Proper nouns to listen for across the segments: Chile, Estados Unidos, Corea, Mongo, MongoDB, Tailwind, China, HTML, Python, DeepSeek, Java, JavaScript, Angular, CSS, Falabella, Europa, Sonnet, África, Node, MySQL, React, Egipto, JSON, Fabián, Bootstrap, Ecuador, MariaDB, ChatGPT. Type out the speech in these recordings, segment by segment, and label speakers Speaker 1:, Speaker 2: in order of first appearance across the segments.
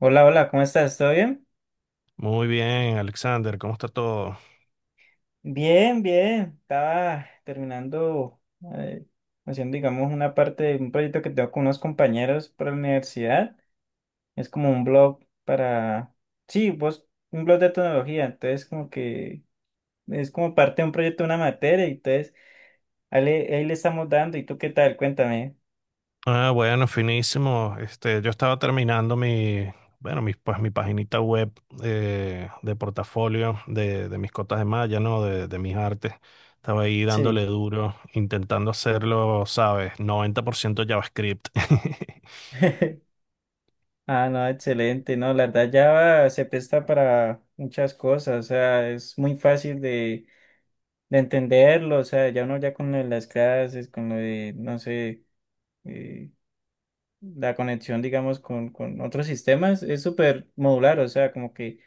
Speaker 1: Hola, hola, ¿cómo estás? ¿Todo bien?
Speaker 2: Muy bien, Alexander, ¿cómo está todo?
Speaker 1: Bien, bien. Estaba terminando, eh, haciendo, digamos, una parte de un proyecto que tengo con unos compañeros para la universidad. Es como un blog para, sí, vos, un blog de tecnología. Entonces, como que es como parte de un proyecto, una materia. Entonces, ahí le estamos dando. ¿Y tú qué tal? Cuéntame.
Speaker 2: Ah, bueno, finísimo. Yo estaba terminando mi, bueno, mi, pues mi paginita web de portafolio de mis cotas de malla, ¿no? De mis artes. Estaba ahí dándole
Speaker 1: Sí.
Speaker 2: duro, intentando hacerlo, ¿sabes? 90% JavaScript.
Speaker 1: Ah, no, excelente. No, la verdad, Java se presta para muchas cosas. O sea, es muy fácil de entenderlo, o sea, ya uno ya con lo de las clases, con lo de, no sé, eh, la conexión, digamos, con otros sistemas, es súper modular, o sea, como que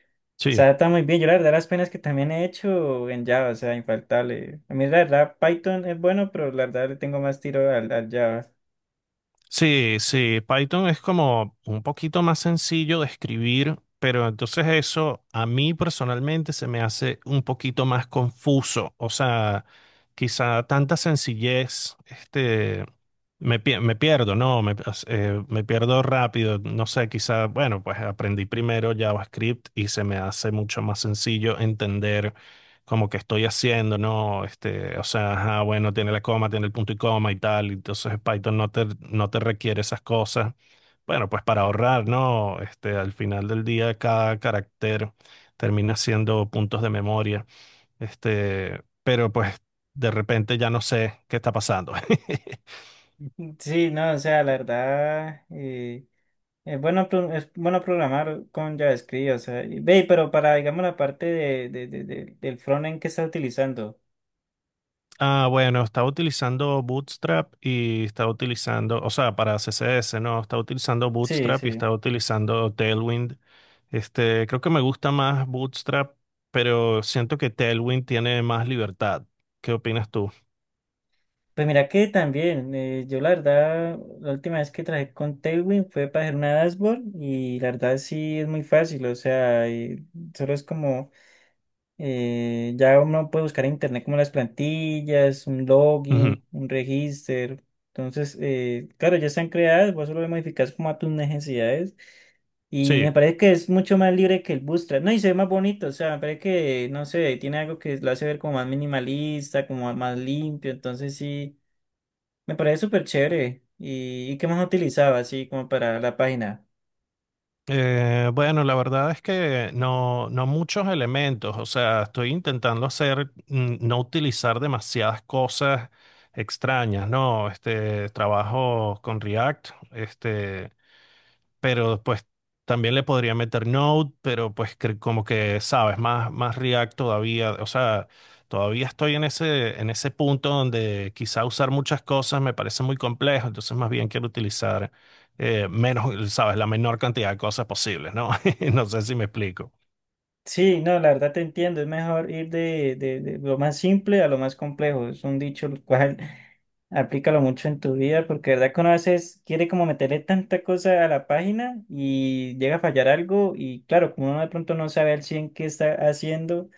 Speaker 1: se
Speaker 2: Sí.
Speaker 1: adapta muy bien. Yo la verdad las penas que también he hecho en Java, o sea, infaltable. A mí la verdad Python es bueno, pero la verdad le tengo más tiro al Java.
Speaker 2: Sí, sí, Python es como un poquito más sencillo de escribir, pero entonces eso a mí personalmente se me hace un poquito más confuso. O sea, quizá tanta sencillez, me pierdo, ¿no? Me pierdo rápido. No sé, quizá, bueno, pues aprendí primero JavaScript y se me hace mucho más sencillo entender como que estoy haciendo, ¿no? O sea, ajá, bueno, tiene la coma, tiene el punto y coma y tal, entonces Python no te requiere esas cosas. Bueno, pues para ahorrar, ¿no? Este, al final del día cada carácter termina siendo puntos de memoria, pero pues de repente ya no sé qué está pasando.
Speaker 1: Sí, no, o sea, la verdad, es bueno, es bueno programar con JavaScript, o sea, ve, pero para, digamos, la parte del frontend que está utilizando.
Speaker 2: Ah, bueno, estaba utilizando Bootstrap y estaba utilizando, o sea, para CSS, ¿no? Estaba utilizando
Speaker 1: Sí,
Speaker 2: Bootstrap y
Speaker 1: sí.
Speaker 2: estaba utilizando Tailwind. Este, creo que me gusta más Bootstrap, pero siento que Tailwind tiene más libertad. ¿Qué opinas tú?
Speaker 1: Pues mira que también, yo la verdad, la última vez que trabajé con Tailwind fue para hacer una dashboard y la verdad sí es muy fácil, o sea, y solo es como, ya uno puede buscar en internet como las plantillas, un
Speaker 2: Ujú.
Speaker 1: login, un registro, entonces, claro, ya están creadas, vos solo las modificas como a tus necesidades y me
Speaker 2: Sí.
Speaker 1: parece que es mucho más libre que el Bootstrap, no, y se ve más bonito, o sea, me parece que, no sé, tiene algo que lo hace ver como más minimalista, como más limpio, entonces sí. Me parece súper chévere. Y qué más utilizaba así como para la página?
Speaker 2: Bueno, la verdad es que no, no muchos elementos. O sea, estoy intentando hacer, no utilizar demasiadas cosas extrañas, ¿no? Este, trabajo con React. Este, pero pues también le podría meter Node, pero pues que- como que, sabes, más React todavía. O sea, todavía estoy en ese punto donde quizá usar muchas cosas me parece muy complejo, entonces más bien quiero utilizar menos, sabes, la menor cantidad de cosas posibles, ¿no? No sé si me explico.
Speaker 1: Sí, no, la verdad te entiendo. Es mejor ir de lo más simple a lo más complejo. Es un dicho el cual aplícalo mucho en tu vida porque de verdad que uno a veces quiere como meterle tanta cosa a la página y llega a fallar algo y claro, como uno de pronto no sabe al 100 qué está haciendo,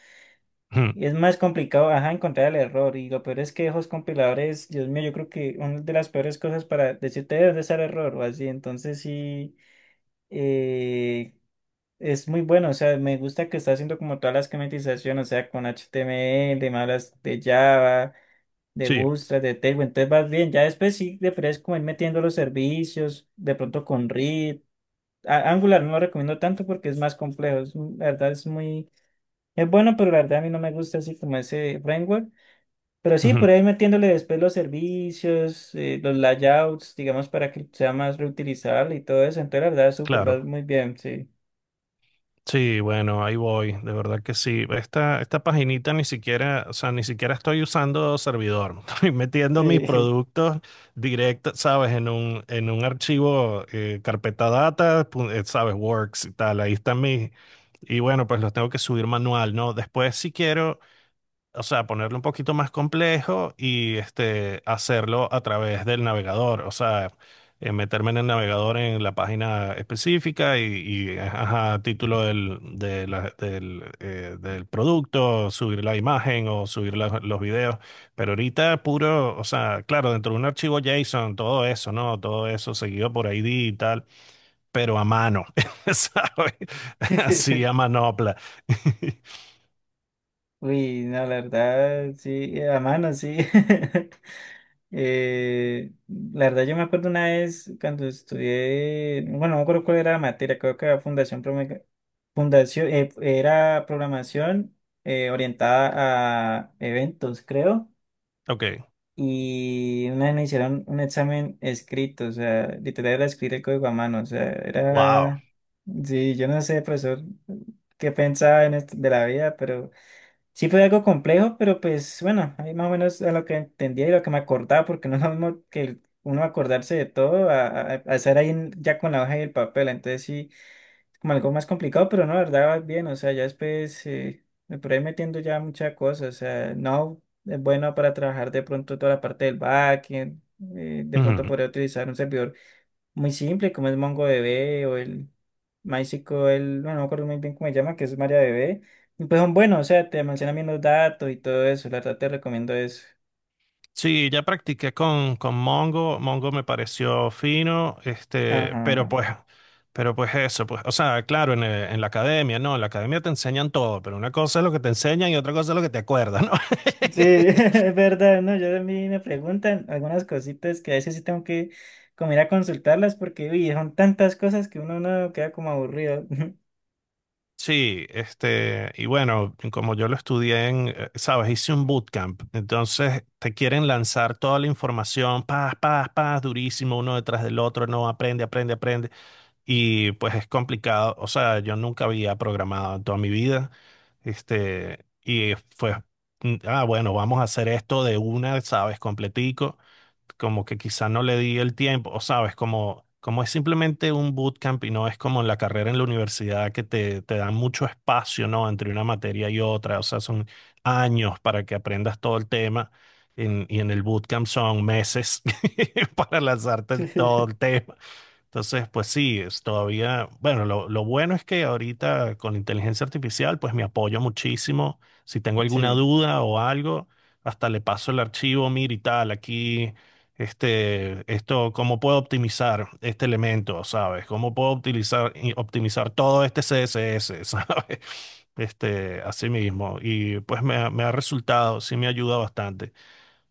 Speaker 2: Ujú,
Speaker 1: es más complicado, ajá, encontrar el error. Y lo peor es que esos compiladores, Dios mío, yo creo que una de las peores cosas para decirte dónde está el error o así. Entonces sí. eh, es muy bueno, o sea, me gusta que está haciendo como toda la esquematización, o sea, con HTML, me hablas de Java, de
Speaker 2: sí,
Speaker 1: Bootstrap, de Tailwind, entonces vas bien, ya después sí deberías como ir metiendo los servicios, de pronto con React, Angular no lo recomiendo tanto porque es más complejo, la verdad es muy, es bueno, pero la verdad a mí no me gusta así como ese framework, pero sí,
Speaker 2: ujú,
Speaker 1: por ahí metiéndole después los servicios, los layouts, digamos, para que sea más reutilizable y todo eso, entonces la verdad es súper, va
Speaker 2: claro.
Speaker 1: muy bien, sí.
Speaker 2: Sí, bueno, ahí voy, de verdad que sí. Esta paginita ni siquiera, o sea, ni siquiera estoy usando servidor. Estoy metiendo mis
Speaker 1: Sí.
Speaker 2: productos directos, ¿sabes? En un archivo, carpeta data, ¿sabes? Works y tal. Ahí están mis, y bueno, pues los tengo que subir manual, ¿no? Después si quiero, o sea, ponerlo un poquito más complejo y este, hacerlo a través del navegador. O sea, meterme en el navegador en la página específica ajá, título del, de la- del, del producto, subir la imagen o subir la- los videos, pero ahorita puro, o sea, claro, dentro de un archivo JSON, todo eso, ¿no? Todo eso seguido por ID y tal, pero a mano, ¿sabes? Así a manopla.
Speaker 1: Uy, no, la verdad, sí, a mano, sí. La verdad, yo me acuerdo una vez cuando estudié, bueno, no me acuerdo cuál era la materia, creo que era fundación, prome- fundación era programación orientada a eventos, creo.
Speaker 2: Ok,
Speaker 1: Y una vez me hicieron un examen escrito, o sea, literal era escribir el código a mano, o sea,
Speaker 2: wow.
Speaker 1: era, sí, yo no sé, profesor, qué pensaba en esto de la vida. Sí fue algo complejo, pero pues bueno, ahí más o menos a lo que entendía y lo que me acordaba, porque no es lo mismo uno acordarse de todo a estar ahí ya con la hoja y el papel, entonces sí, como algo más complicado, pero no, la verdad va bien, o sea, ya después me por ahí metiendo ya muchas cosas, o sea, no es bueno para trabajar de pronto toda la parte del backend, de pronto podría utilizar un servidor muy simple, como es MongoDB o el MySQL, bueno, no me acuerdo muy bien cómo se llama, que es MariaDB. Y pues son buenos, o sea, te mencionan bien los datos y todo eso, la verdad te recomiendo eso.
Speaker 2: Sí, ya practiqué con Mongo. Mongo me pareció fino. Pero
Speaker 1: Ajá.
Speaker 2: pues, pero pues eso, pues, o sea, claro, en la academia, no, en la academia te enseñan todo, pero una cosa es lo que te enseñan y otra cosa es lo que te acuerdas, ¿no?
Speaker 1: Sí, es verdad, ¿no? Yo también me preguntan algunas cositas que a veces sí tengo que como ir a consultarlas porque, uy, son tantas cosas que uno no queda como aburrido.
Speaker 2: Sí, este, y bueno, como yo lo estudié sabes, hice un bootcamp, entonces te quieren lanzar toda la información, paz, paz, paz, durísimo, uno detrás del otro, no, aprende, aprende, aprende. Y pues es complicado, o sea, yo nunca había programado en toda mi vida. este, y fue, ah, bueno, vamos a hacer esto de una, ¿sabes? Completico, como que quizá no le di el tiempo, o sabes, como es simplemente un bootcamp y no es como en la carrera en la universidad que te dan mucho espacio, ¿no? Entre una materia y otra. O sea, son años para que aprendas todo el tema, y en el bootcamp son meses para lanzarte
Speaker 1: Sí,
Speaker 2: el- todo el tema. Entonces, pues sí, es todavía, bueno, lo bueno es que ahorita con la inteligencia artificial, pues me apoyo muchísimo. Si tengo alguna
Speaker 1: sí,
Speaker 2: duda o algo, hasta le paso el archivo, mira y tal, aquí, esto, cómo puedo optimizar este elemento, ¿sabes? ¿Cómo puedo optimizar, y optimizar todo este CSS, ¿sabes? Este, así mismo. Y pues me ha resultado, sí me ayuda bastante.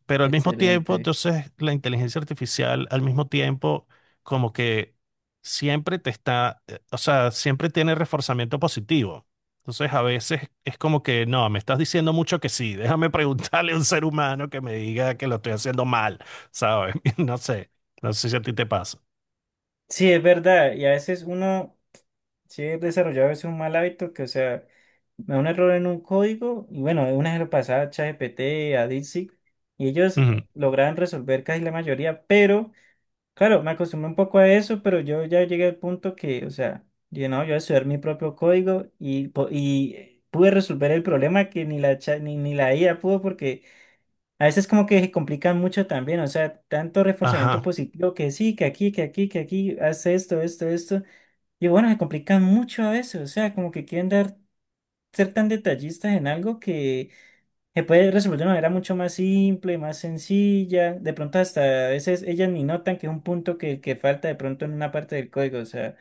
Speaker 2: Pero al mismo tiempo,
Speaker 1: excelente.
Speaker 2: entonces, la inteligencia artificial, al mismo tiempo, como que siempre te está, o sea, siempre tiene reforzamiento positivo. Entonces, a veces es como que, no, me estás diciendo mucho que sí, déjame preguntarle a un ser humano que me diga que lo estoy haciendo mal, ¿sabes? No sé, no sé si a ti te pasa.
Speaker 1: Sí, es verdad, y a veces uno... Sí, he desarrollado a veces un mal hábito que, o sea, me da un error en un código y bueno, una vez lo pasaba a ChatGPT, a DeepSeek y ellos
Speaker 2: Ujú.
Speaker 1: lograban resolver casi la mayoría, pero claro, me acostumbré un poco a eso, pero yo ya llegué al punto que, o sea, yo no, yo voy a estudiar mi propio código y pude resolver el problema que ni la IA pudo porque a veces como que se complican mucho también, o sea, tanto reforzamiento
Speaker 2: Ajá.
Speaker 1: positivo que sí, que aquí, que aquí, que aquí, haz esto, esto, esto. Y bueno, se complican mucho a veces, o sea, como que quieren dar ser tan detallistas en algo que se puede resolver de una manera mucho más simple, más sencilla. De pronto hasta a veces ellas ni notan que es un punto que falta de pronto en una parte del código. O sea,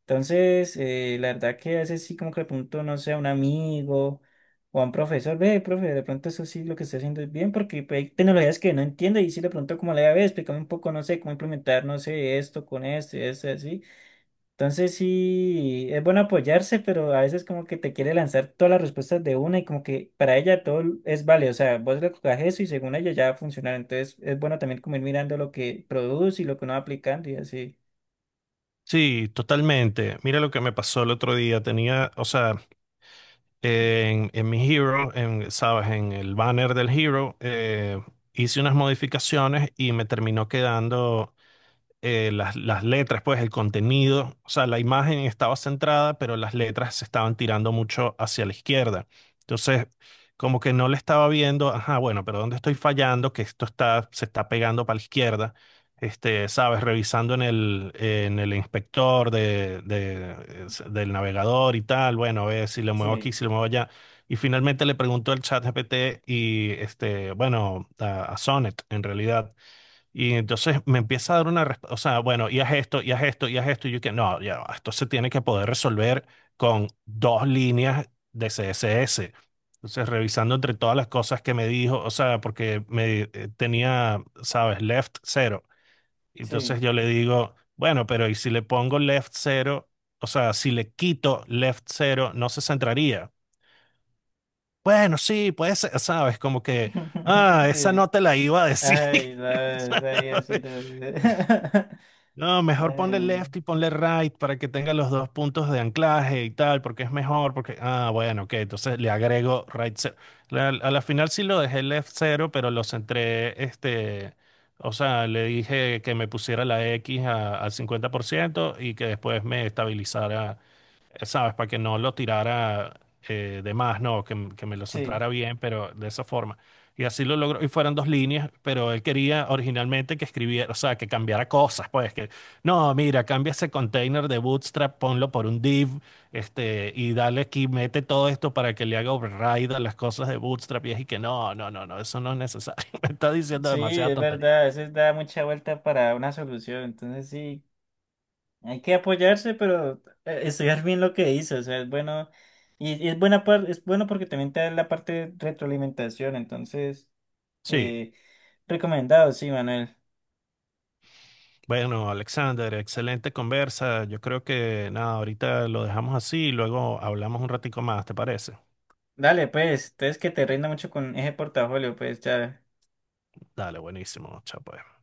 Speaker 1: entonces la verdad que a veces sí como que le pregunto, no sé, a un amigo o a un profesor, ve, profe, de pronto eso sí lo que está haciendo es bien porque pues, hay tecnologías que no entiende y sí de pronto como le ve, explícame un poco, no sé, cómo implementar, no sé, esto con esto y esto y así. Entonces sí, es bueno apoyarse, pero a veces como que te quiere lanzar todas las respuestas de una y como que para ella todo es válido. O sea, vos le colocas eso y según ella ya va a funcionar. Entonces es bueno también como ir mirando lo que produce y lo que uno va aplicando y así.
Speaker 2: Sí, totalmente. Mira lo que me pasó el otro día. Tenía, o sea, en mi Hero, en, sabes, en el banner del Hero, hice unas modificaciones y me terminó quedando las letras, pues el contenido, o sea, la imagen estaba centrada, pero las letras se estaban tirando mucho hacia la izquierda. Entonces, como que no le estaba viendo, ajá, bueno, pero ¿dónde estoy fallando? Que esto está, se está pegando para la izquierda. Este, sabes, revisando en el inspector del navegador y tal, bueno, a ver si lo muevo aquí,
Speaker 1: Sí,
Speaker 2: si lo muevo allá. Y finalmente le preguntó al chat GPT y, este, bueno, a Sonnet, en realidad, y entonces me empieza a dar una respuesta, o sea, bueno, y haz esto, y haz esto, y haz esto, y yo que no, ya, va, esto se tiene que poder resolver con dos líneas de CSS. Entonces, revisando entre todas las cosas que me dijo, o sea, porque me tenía, sabes, left cero. Entonces
Speaker 1: sí.
Speaker 2: yo le digo, bueno, pero ¿y si le pongo left cero? O sea, si le quito left cero, no se centraría. Bueno, sí, puede ser, sabes, como que, ah, esa
Speaker 1: Sí.
Speaker 2: no te la iba a decir.
Speaker 1: Ay, no, es ahí así. No.
Speaker 2: No, mejor ponle
Speaker 1: Ay,
Speaker 2: left y ponle right para que tenga los dos puntos de anclaje y tal, porque es mejor, porque, ah, bueno, ok, entonces le agrego right cero. La- a la final sí lo dejé left cero, pero los centré. O sea, le dije que me pusiera la X a- al 50% y que después me estabilizara ¿sabes? Para que no lo tirara de más, no, que me lo
Speaker 1: sí,
Speaker 2: centrara bien, pero de esa forma. Y así lo logró, y fueron dos líneas, pero él quería originalmente que escribiera, o sea, que cambiara cosas, no, mira, cambia ese container de Bootstrap, ponlo por un div. Y dale aquí, mete todo esto para que le haga override a las cosas de Bootstrap, y que no, no, no, no, eso no es necesario, me está diciendo
Speaker 1: sí,
Speaker 2: demasiada
Speaker 1: es
Speaker 2: tontería.
Speaker 1: verdad. A veces da mucha vuelta para una solución. Entonces sí. Hay que apoyarse, pero estudiar bien lo que dice, o sea, es bueno, y es bueno porque también te da la parte de retroalimentación, entonces,
Speaker 2: Sí.
Speaker 1: eh, recomendado, sí, Manuel.
Speaker 2: Bueno, Alexander, excelente conversa. Yo creo que nada, ahorita lo dejamos así y luego hablamos un ratico más, ¿te parece?
Speaker 1: Dale, pues, entonces que te rinda mucho con ese portafolio, pues, ya.
Speaker 2: Dale, buenísimo. Chao, pues.